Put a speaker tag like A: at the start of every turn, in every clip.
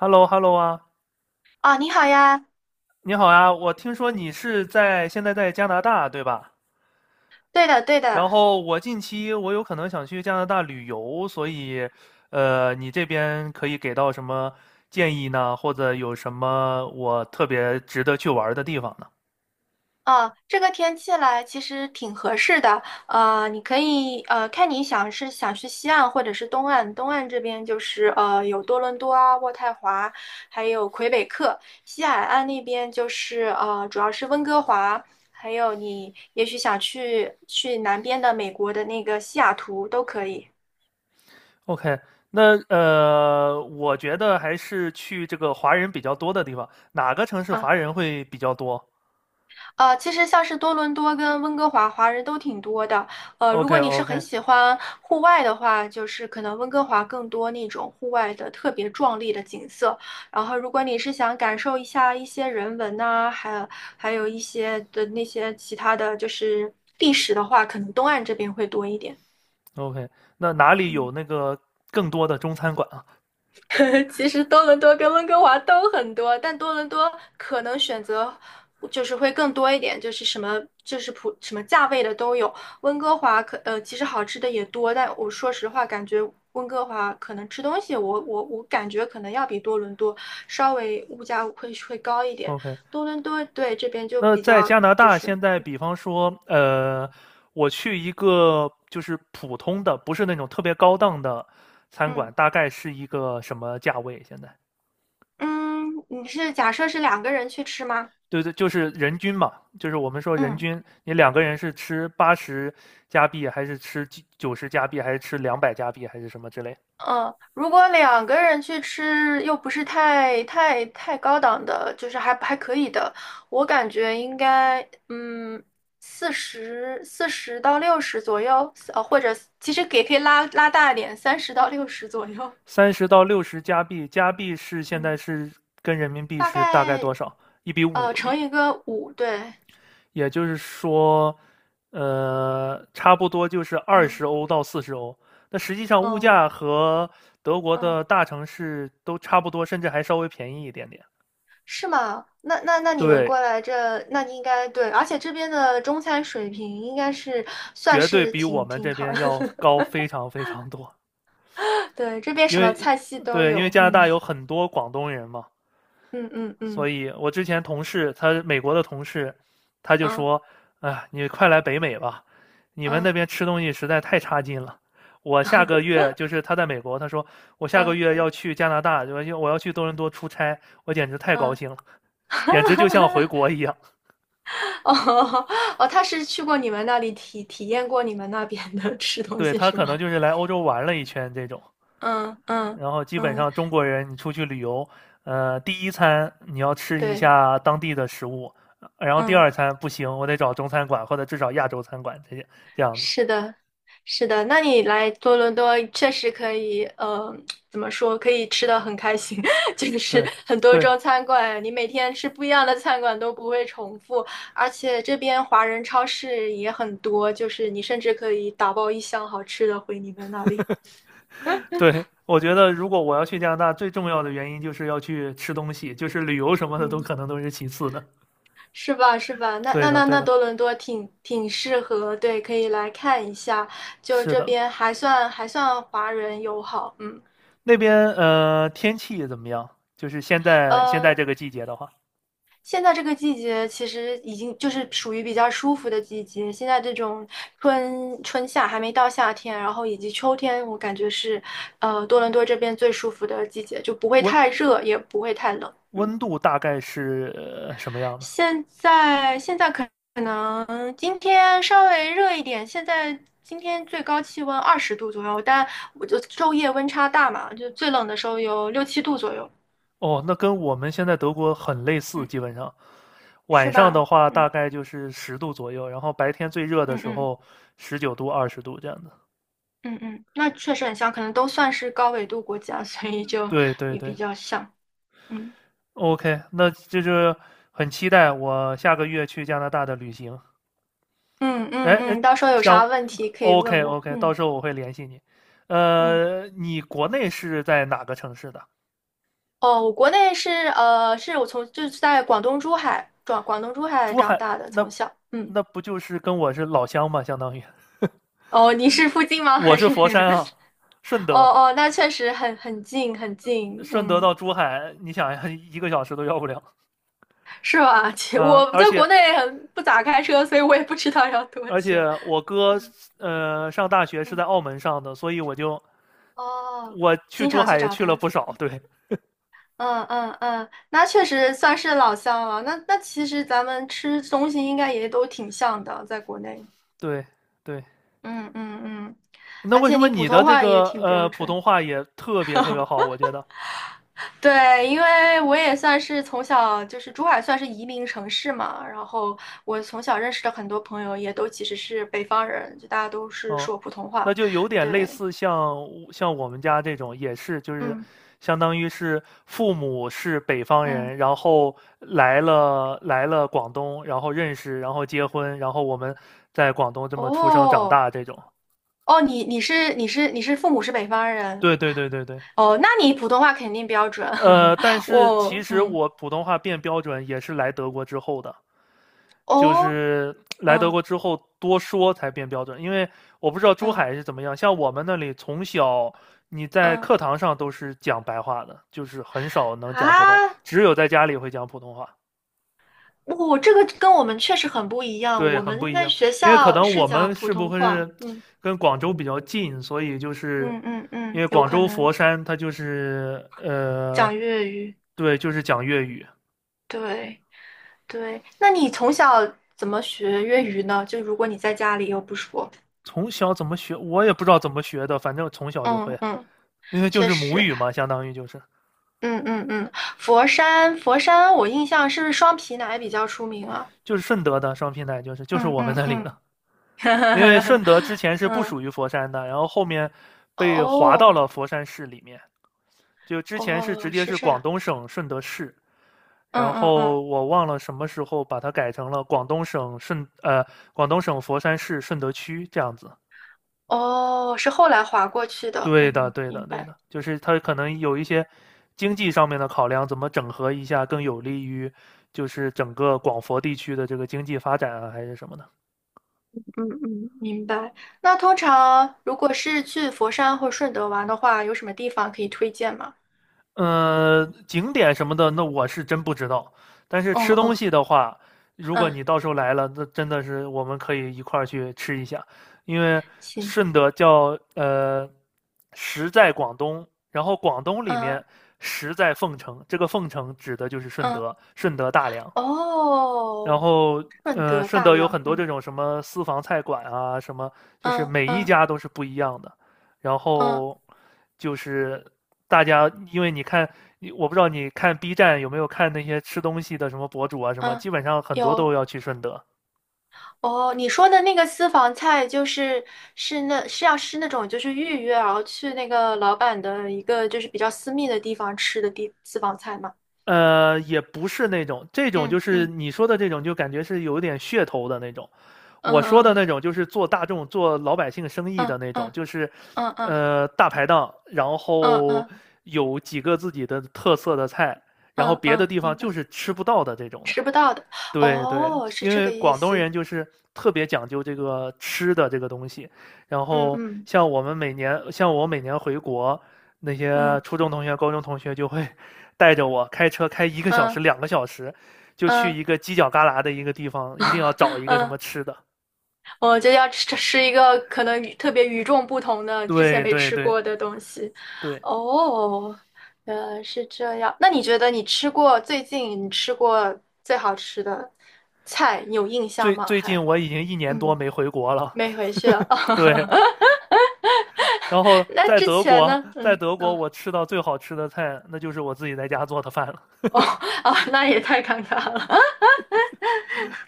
A: h e l l o 啊，
B: 啊，你好呀。
A: 你好呀，我听说你是现在在加拿大，对吧？
B: 对的，对
A: 然
B: 的。
A: 后近期我有可能想去加拿大旅游，所以，你这边可以给到什么建议呢？或者有什么我特别值得去玩儿的地方呢
B: 哦，这个天气来其实挺合适的。你可以看你想是想去西岸或者是东岸，东岸这边就是有多伦多啊、渥太华，还有魁北克。西海岸那边就是主要是温哥华。还有你也许想去南边的美国的那个西雅图都可以。
A: ？OK，那，我觉得还是去这个华人比较多的地方，哪个城市
B: 啊。
A: 华人会比较多
B: 其实像是多伦多跟温哥华华人都挺多的。如果你是很
A: ？OK，OK，OK，
B: 喜欢户外的话，就是可能温哥华更多那种户外的特别壮丽的景色。然后，如果你是想感受一下一些人文呐、还有一些的那些其他的就是历史的话，可能东岸这边会多一点。
A: 那哪里有
B: 嗯。
A: 那个更多的中餐馆啊
B: 其实多伦多跟温哥华都很多，但多伦多可能选择就是会更多一点，就是什么就是普什么价位的都有。温哥华其实好吃的也多，但我说实话感觉温哥华可能吃东西我感觉可能要比多伦多稍微物价会高一点。
A: ？OK，
B: 多伦多对这边就
A: 那
B: 比
A: 在
B: 较
A: 加拿
B: 就
A: 大
B: 是
A: 现在，比方说，我去一个就是普通的，不是那种特别高档的餐馆，
B: 嗯
A: 大概是一个什么价位？现在？
B: 嗯。你是假设是两个人去吃吗？
A: 对对，就是人均嘛，就是我们说人
B: 嗯。
A: 均，你两个人是吃80加币，还是吃90加币，还是吃200加币，还是什么之类？
B: 嗯，如果两个人去吃，又不是太高档的，就是还可以的，我感觉应该，嗯，四十到六十左右，或者其实也可以拉大一点，30到60左右。
A: 30到60加币，加币是 现在
B: 嗯，
A: 是跟人民币
B: 大
A: 是大概多
B: 概
A: 少？1比5，
B: 乘一个五，对。
A: 也就是说，差不多就是二
B: 嗯。
A: 十欧到40欧。那实际上物
B: 哦。
A: 价和德国
B: 嗯，
A: 的大城市都差不多，甚至还稍微便宜一点点。
B: 是吗？那你们
A: 对，
B: 过来这，那你应该对，而且这边的中餐水平应该是算
A: 绝对
B: 是
A: 比我
B: 挺
A: 们
B: 挺
A: 这
B: 好的。
A: 边要 高非常非常多。
B: 对，这边
A: 因
B: 什么
A: 为
B: 菜系都
A: 对，因为
B: 有。
A: 加拿
B: 嗯
A: 大有很多广东人嘛，
B: 嗯嗯嗯
A: 所以我之前同事，他美国的同事，他就
B: 嗯
A: 说：“啊，你快来北美吧，你们那
B: 嗯
A: 边吃东西实在太差劲了。”我下个
B: 嗯
A: 月就是他在美国，他说我下个
B: 嗯
A: 月要去加拿大，就我要去多伦多出差，我简直太高
B: 嗯。
A: 兴了，简直就像回 国一样。
B: 哦哦，他是去过你们那里体验过你们那边的吃东
A: 对
B: 西
A: 他
B: 是
A: 可能
B: 吗？
A: 就是来欧洲玩了一圈这种。
B: 嗯嗯
A: 然后基本
B: 嗯，
A: 上中国人你出去旅游，第一餐你要吃一
B: 对。
A: 下当地的食物，然后第
B: 嗯。
A: 二餐不行，我得找中餐馆或者至少亚洲餐馆这些这样子。
B: 是的，是的。那你来多伦多确实可以，怎么说，可以吃的很开心。就是
A: 对
B: 很多
A: 对
B: 中餐馆，你每天吃不一样的餐馆都不会重复，而且这边华人超市也很多，就是你甚至可以打包一箱好吃的回你们那里。
A: 对，我觉得如果我要去加拿大，最重要的原因就是要去吃东西，就是旅游什么的都
B: 嗯。
A: 可能都是其次的。
B: 是吧？是吧？那
A: 对
B: 那
A: 的
B: 那
A: 对
B: 那
A: 的，
B: 多伦多挺适合，对，可以来看一下。就
A: 是
B: 这
A: 的。
B: 边还算华人友好。嗯。
A: 那边天气怎么样？就是现在
B: 呃，
A: 这个季节的话，
B: 现在这个季节其实已经就是属于比较舒服的季节。现在这种春夏还没到夏天，然后以及秋天，我感觉是，多伦多这边最舒服的季节，就不会
A: 温
B: 太热，也不会太冷。嗯，
A: 温度大概是什么样的？
B: 现在可能今天稍微热一点，现在今天最高气温20度左右，但我就昼夜温差大嘛，就最冷的时候有6、7度左右。
A: 哦，那跟我们现在德国很类似，
B: 嗯，
A: 基本上。
B: 是
A: 晚上的
B: 吧？
A: 话大
B: 嗯
A: 概就是十度左右，然后白天最热的
B: 嗯
A: 时
B: 嗯。
A: 候19度、20度这样的。
B: 嗯嗯，那确实很像，可能都算是高纬度国家。所以就
A: 对对
B: 也
A: 对
B: 比较像。嗯
A: ，OK，那就是很期待我下个月去加拿大的旅行。
B: 嗯
A: 哎
B: 嗯
A: 哎，
B: 嗯，到时候有
A: 想
B: 啥问题可以问
A: OK
B: 我。
A: OK，到
B: 嗯
A: 时候我会联系你。
B: 嗯。
A: 你国内是在哪个城市的？
B: 哦，我国内是是我从就是在广东珠海转广东珠海
A: 珠
B: 长
A: 海，
B: 大的，
A: 那
B: 从小。嗯。
A: 那不就是跟我是老乡吗？相当于
B: 哦，你是附近吗？
A: 我
B: 还
A: 是
B: 是？
A: 佛山啊，顺
B: 哦
A: 德。
B: 哦，那确实很近很近。
A: 顺德
B: 嗯，
A: 到珠海，你想呀，一个小时都要不了。
B: 是吧？
A: 嗯，
B: 我
A: 而
B: 在
A: 且
B: 国内很不咋开车，所以我也不知道要多
A: 而且
B: 久。
A: 我哥
B: 嗯
A: 上大学是
B: 嗯。
A: 在澳门上的，所以我就
B: 哦，
A: 我去
B: 经
A: 珠
B: 常去
A: 海也
B: 找
A: 去了
B: 他。
A: 不少。对
B: 嗯嗯嗯，那确实算是老乡了。那其实咱们吃东西应该也都挺像的，在国内。
A: 对对，
B: 嗯嗯嗯，
A: 那
B: 而
A: 为
B: 且
A: 什么
B: 你普
A: 你的
B: 通
A: 这
B: 话也
A: 个
B: 挺标
A: 普通
B: 准。
A: 话也特别特别好？我觉得
B: 对，因为我也算是从小就是珠海算是移民城市嘛，然后我从小认识的很多朋友也都其实是北方人，就大家都是
A: 哦，
B: 说普通
A: 那
B: 话。
A: 就有点类
B: 对，
A: 似像我们家这种，也是就是
B: 嗯
A: 相当于是父母是北方
B: 嗯。
A: 人，然后来了广东，然后认识，然后结婚，然后我们在广东这么出生长
B: 哦
A: 大这种。
B: 哦，你父母是北方人。
A: 对对对对对，
B: 哦，那你普通话肯定标准。
A: 但 是其
B: 我，
A: 实
B: 嗯。
A: 我普通话变标准也是来德国之后的。就
B: 哦，
A: 是来德
B: 嗯
A: 国之后多说才变标准，因为我不知道珠
B: 嗯
A: 海是怎么样，像我们那里从小你在
B: 嗯，
A: 课堂上都是讲白话的，就是很少能讲普通，
B: 啊，
A: 只有在家里会讲普通话，
B: 这个跟我们确实很不一样。
A: 对，
B: 我
A: 很不
B: 们
A: 一
B: 在
A: 样。
B: 学
A: 因为可
B: 校
A: 能
B: 是
A: 我
B: 讲
A: 们
B: 普
A: 是不
B: 通
A: 会
B: 话，
A: 是
B: 嗯
A: 跟广州比较近，所以就是
B: 嗯嗯
A: 因
B: 嗯，
A: 为
B: 有
A: 广
B: 可
A: 州
B: 能
A: 佛山它就是
B: 讲粤语。
A: 对，就是讲粤语，
B: 对对，那你从小怎么学粤语呢？就如果你在家里又不说，
A: 从小怎么学我也不知道怎么学的，反正从小就
B: 嗯
A: 会，
B: 嗯，
A: 因为就
B: 确
A: 是母
B: 实。
A: 语嘛，相当于就是。
B: 嗯嗯嗯，佛山佛山，我印象是不是双皮奶比较出名啊？
A: 就是顺德的双平台，就是
B: 嗯
A: 我们
B: 嗯
A: 那里的，
B: 嗯。
A: 因为顺德之前是不
B: 嗯，
A: 属于佛山的，然后后面被划到
B: 哦，
A: 了佛山市里面，就之前是直
B: 哦，
A: 接
B: 是
A: 是
B: 这
A: 广
B: 样，
A: 东省顺德市，
B: 嗯
A: 然
B: 嗯
A: 后
B: 嗯，
A: 我忘了什么时候把它改成了广东省广东省佛山市顺德区这样子。
B: 哦，是后来划过去的，
A: 对的，
B: 嗯，
A: 对的，
B: 明
A: 对
B: 白。
A: 的，就是它可能有一些经济上面的考量，怎么整合一下更有利于就是整个广佛地区的这个经济发展啊，还是什么的。
B: 嗯嗯。明白。那通常如果是去佛山或顺德玩的话，有什么地方可以推荐吗？
A: 景点什么的，那我是真不知道。但是
B: 哦
A: 吃东
B: 哦，
A: 西的话，如果
B: 嗯
A: 你到时候来了，那真的是我们可以一块儿去吃一下，因为
B: 行。
A: 顺德叫食在广东，然后广东里
B: 嗯
A: 面食在凤城，这个凤城指的就是顺
B: 嗯，
A: 德，顺德大良。然
B: 哦，
A: 后，
B: 顺德
A: 顺
B: 大
A: 德有
B: 良，
A: 很多
B: 嗯
A: 这种什么私房菜馆啊，什么就是
B: 嗯
A: 每一
B: 嗯
A: 家都是不一样的。然
B: 嗯
A: 后就是大家，因为你看，你我不知道你看 B 站有没有看那些吃东西的什么博主啊，什么
B: 嗯，
A: 基本上很多
B: 有。
A: 都要去顺德。
B: 哦，你说的那个私房菜就是那种就是预约，然后去那个老板的一个就是比较私密的地方吃的私房菜吗？
A: 也不是那种，这种就
B: 嗯
A: 是
B: 嗯
A: 你说的这种，就感觉是有点噱头的那种。
B: 嗯
A: 我说的
B: 嗯
A: 那种就是做大众、做老百姓生意
B: 嗯
A: 的那种，
B: 嗯
A: 就是，
B: 嗯
A: 大排档，然
B: 嗯
A: 后
B: 嗯
A: 有几个自己的特色的菜，然后
B: 嗯
A: 别的
B: 嗯，
A: 地方
B: 明
A: 就
B: 白，
A: 是吃不到的这种的。
B: 吃不到的。
A: 对对，
B: 哦，是
A: 因
B: 这
A: 为
B: 个意
A: 广东
B: 思。
A: 人就是特别讲究这个吃的这个东西，然
B: 嗯
A: 后
B: 嗯
A: 像我们每年，像我每年回国，那些
B: 嗯
A: 初中同学、高中同学就会 带着我开车开一个小时、
B: 嗯
A: 两个小时，就去
B: 嗯
A: 一个犄角旮旯的一个地方，一定要找一个什么
B: 嗯
A: 吃的。
B: 我就要吃一个可能特别与众不同的、之前
A: 对
B: 没
A: 对
B: 吃
A: 对
B: 过的东西。
A: 对，
B: 哦，原来是这样。那你觉得你吃过最近你吃过最好吃的菜，你有印象
A: 最
B: 吗？
A: 最近
B: 还
A: 我已经一年多
B: 嗯，
A: 没回国了。
B: 没回去了。
A: 对，然后
B: 那
A: 在
B: 之
A: 德
B: 前
A: 国，
B: 呢？
A: 在
B: 嗯，
A: 德国
B: 啊，
A: 我吃到最好吃的菜，那就是我自己在家做的饭了。
B: 哦，啊，那也太尴尬了。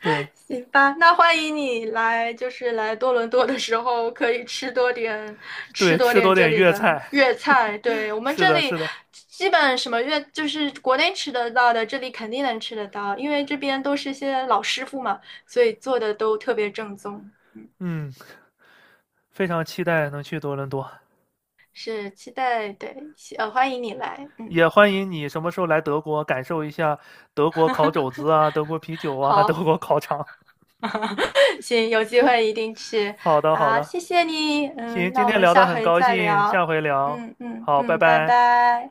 A: 对
B: 行吧，那欢迎你来，就是来多伦多的时候，可以吃多点，吃
A: 对，
B: 多
A: 吃多
B: 点这
A: 点
B: 里
A: 粤
B: 的
A: 菜。
B: 粤菜。对，我们
A: 是
B: 这
A: 的，
B: 里
A: 是的，
B: 基本什么粤，就是国内吃得到的，这里肯定能吃得到，因为这边都是些老师傅嘛，所以做的都特别正宗。
A: 嗯，非常期待能去多伦多，
B: 是期待，对，欢迎你来。嗯，
A: 也欢迎你什么时候来德国，感受一下德国烤肘子啊，德国啤酒啊，
B: 好。
A: 德国烤肠。
B: 行，有机会一定去。
A: 好的，好
B: 好，
A: 的，
B: 谢谢你。
A: 行，
B: 嗯，那
A: 今
B: 我
A: 天
B: 们
A: 聊得
B: 下
A: 很
B: 回
A: 高
B: 再
A: 兴，下
B: 聊。
A: 回聊，
B: 嗯嗯
A: 好，拜
B: 嗯，拜
A: 拜。
B: 拜。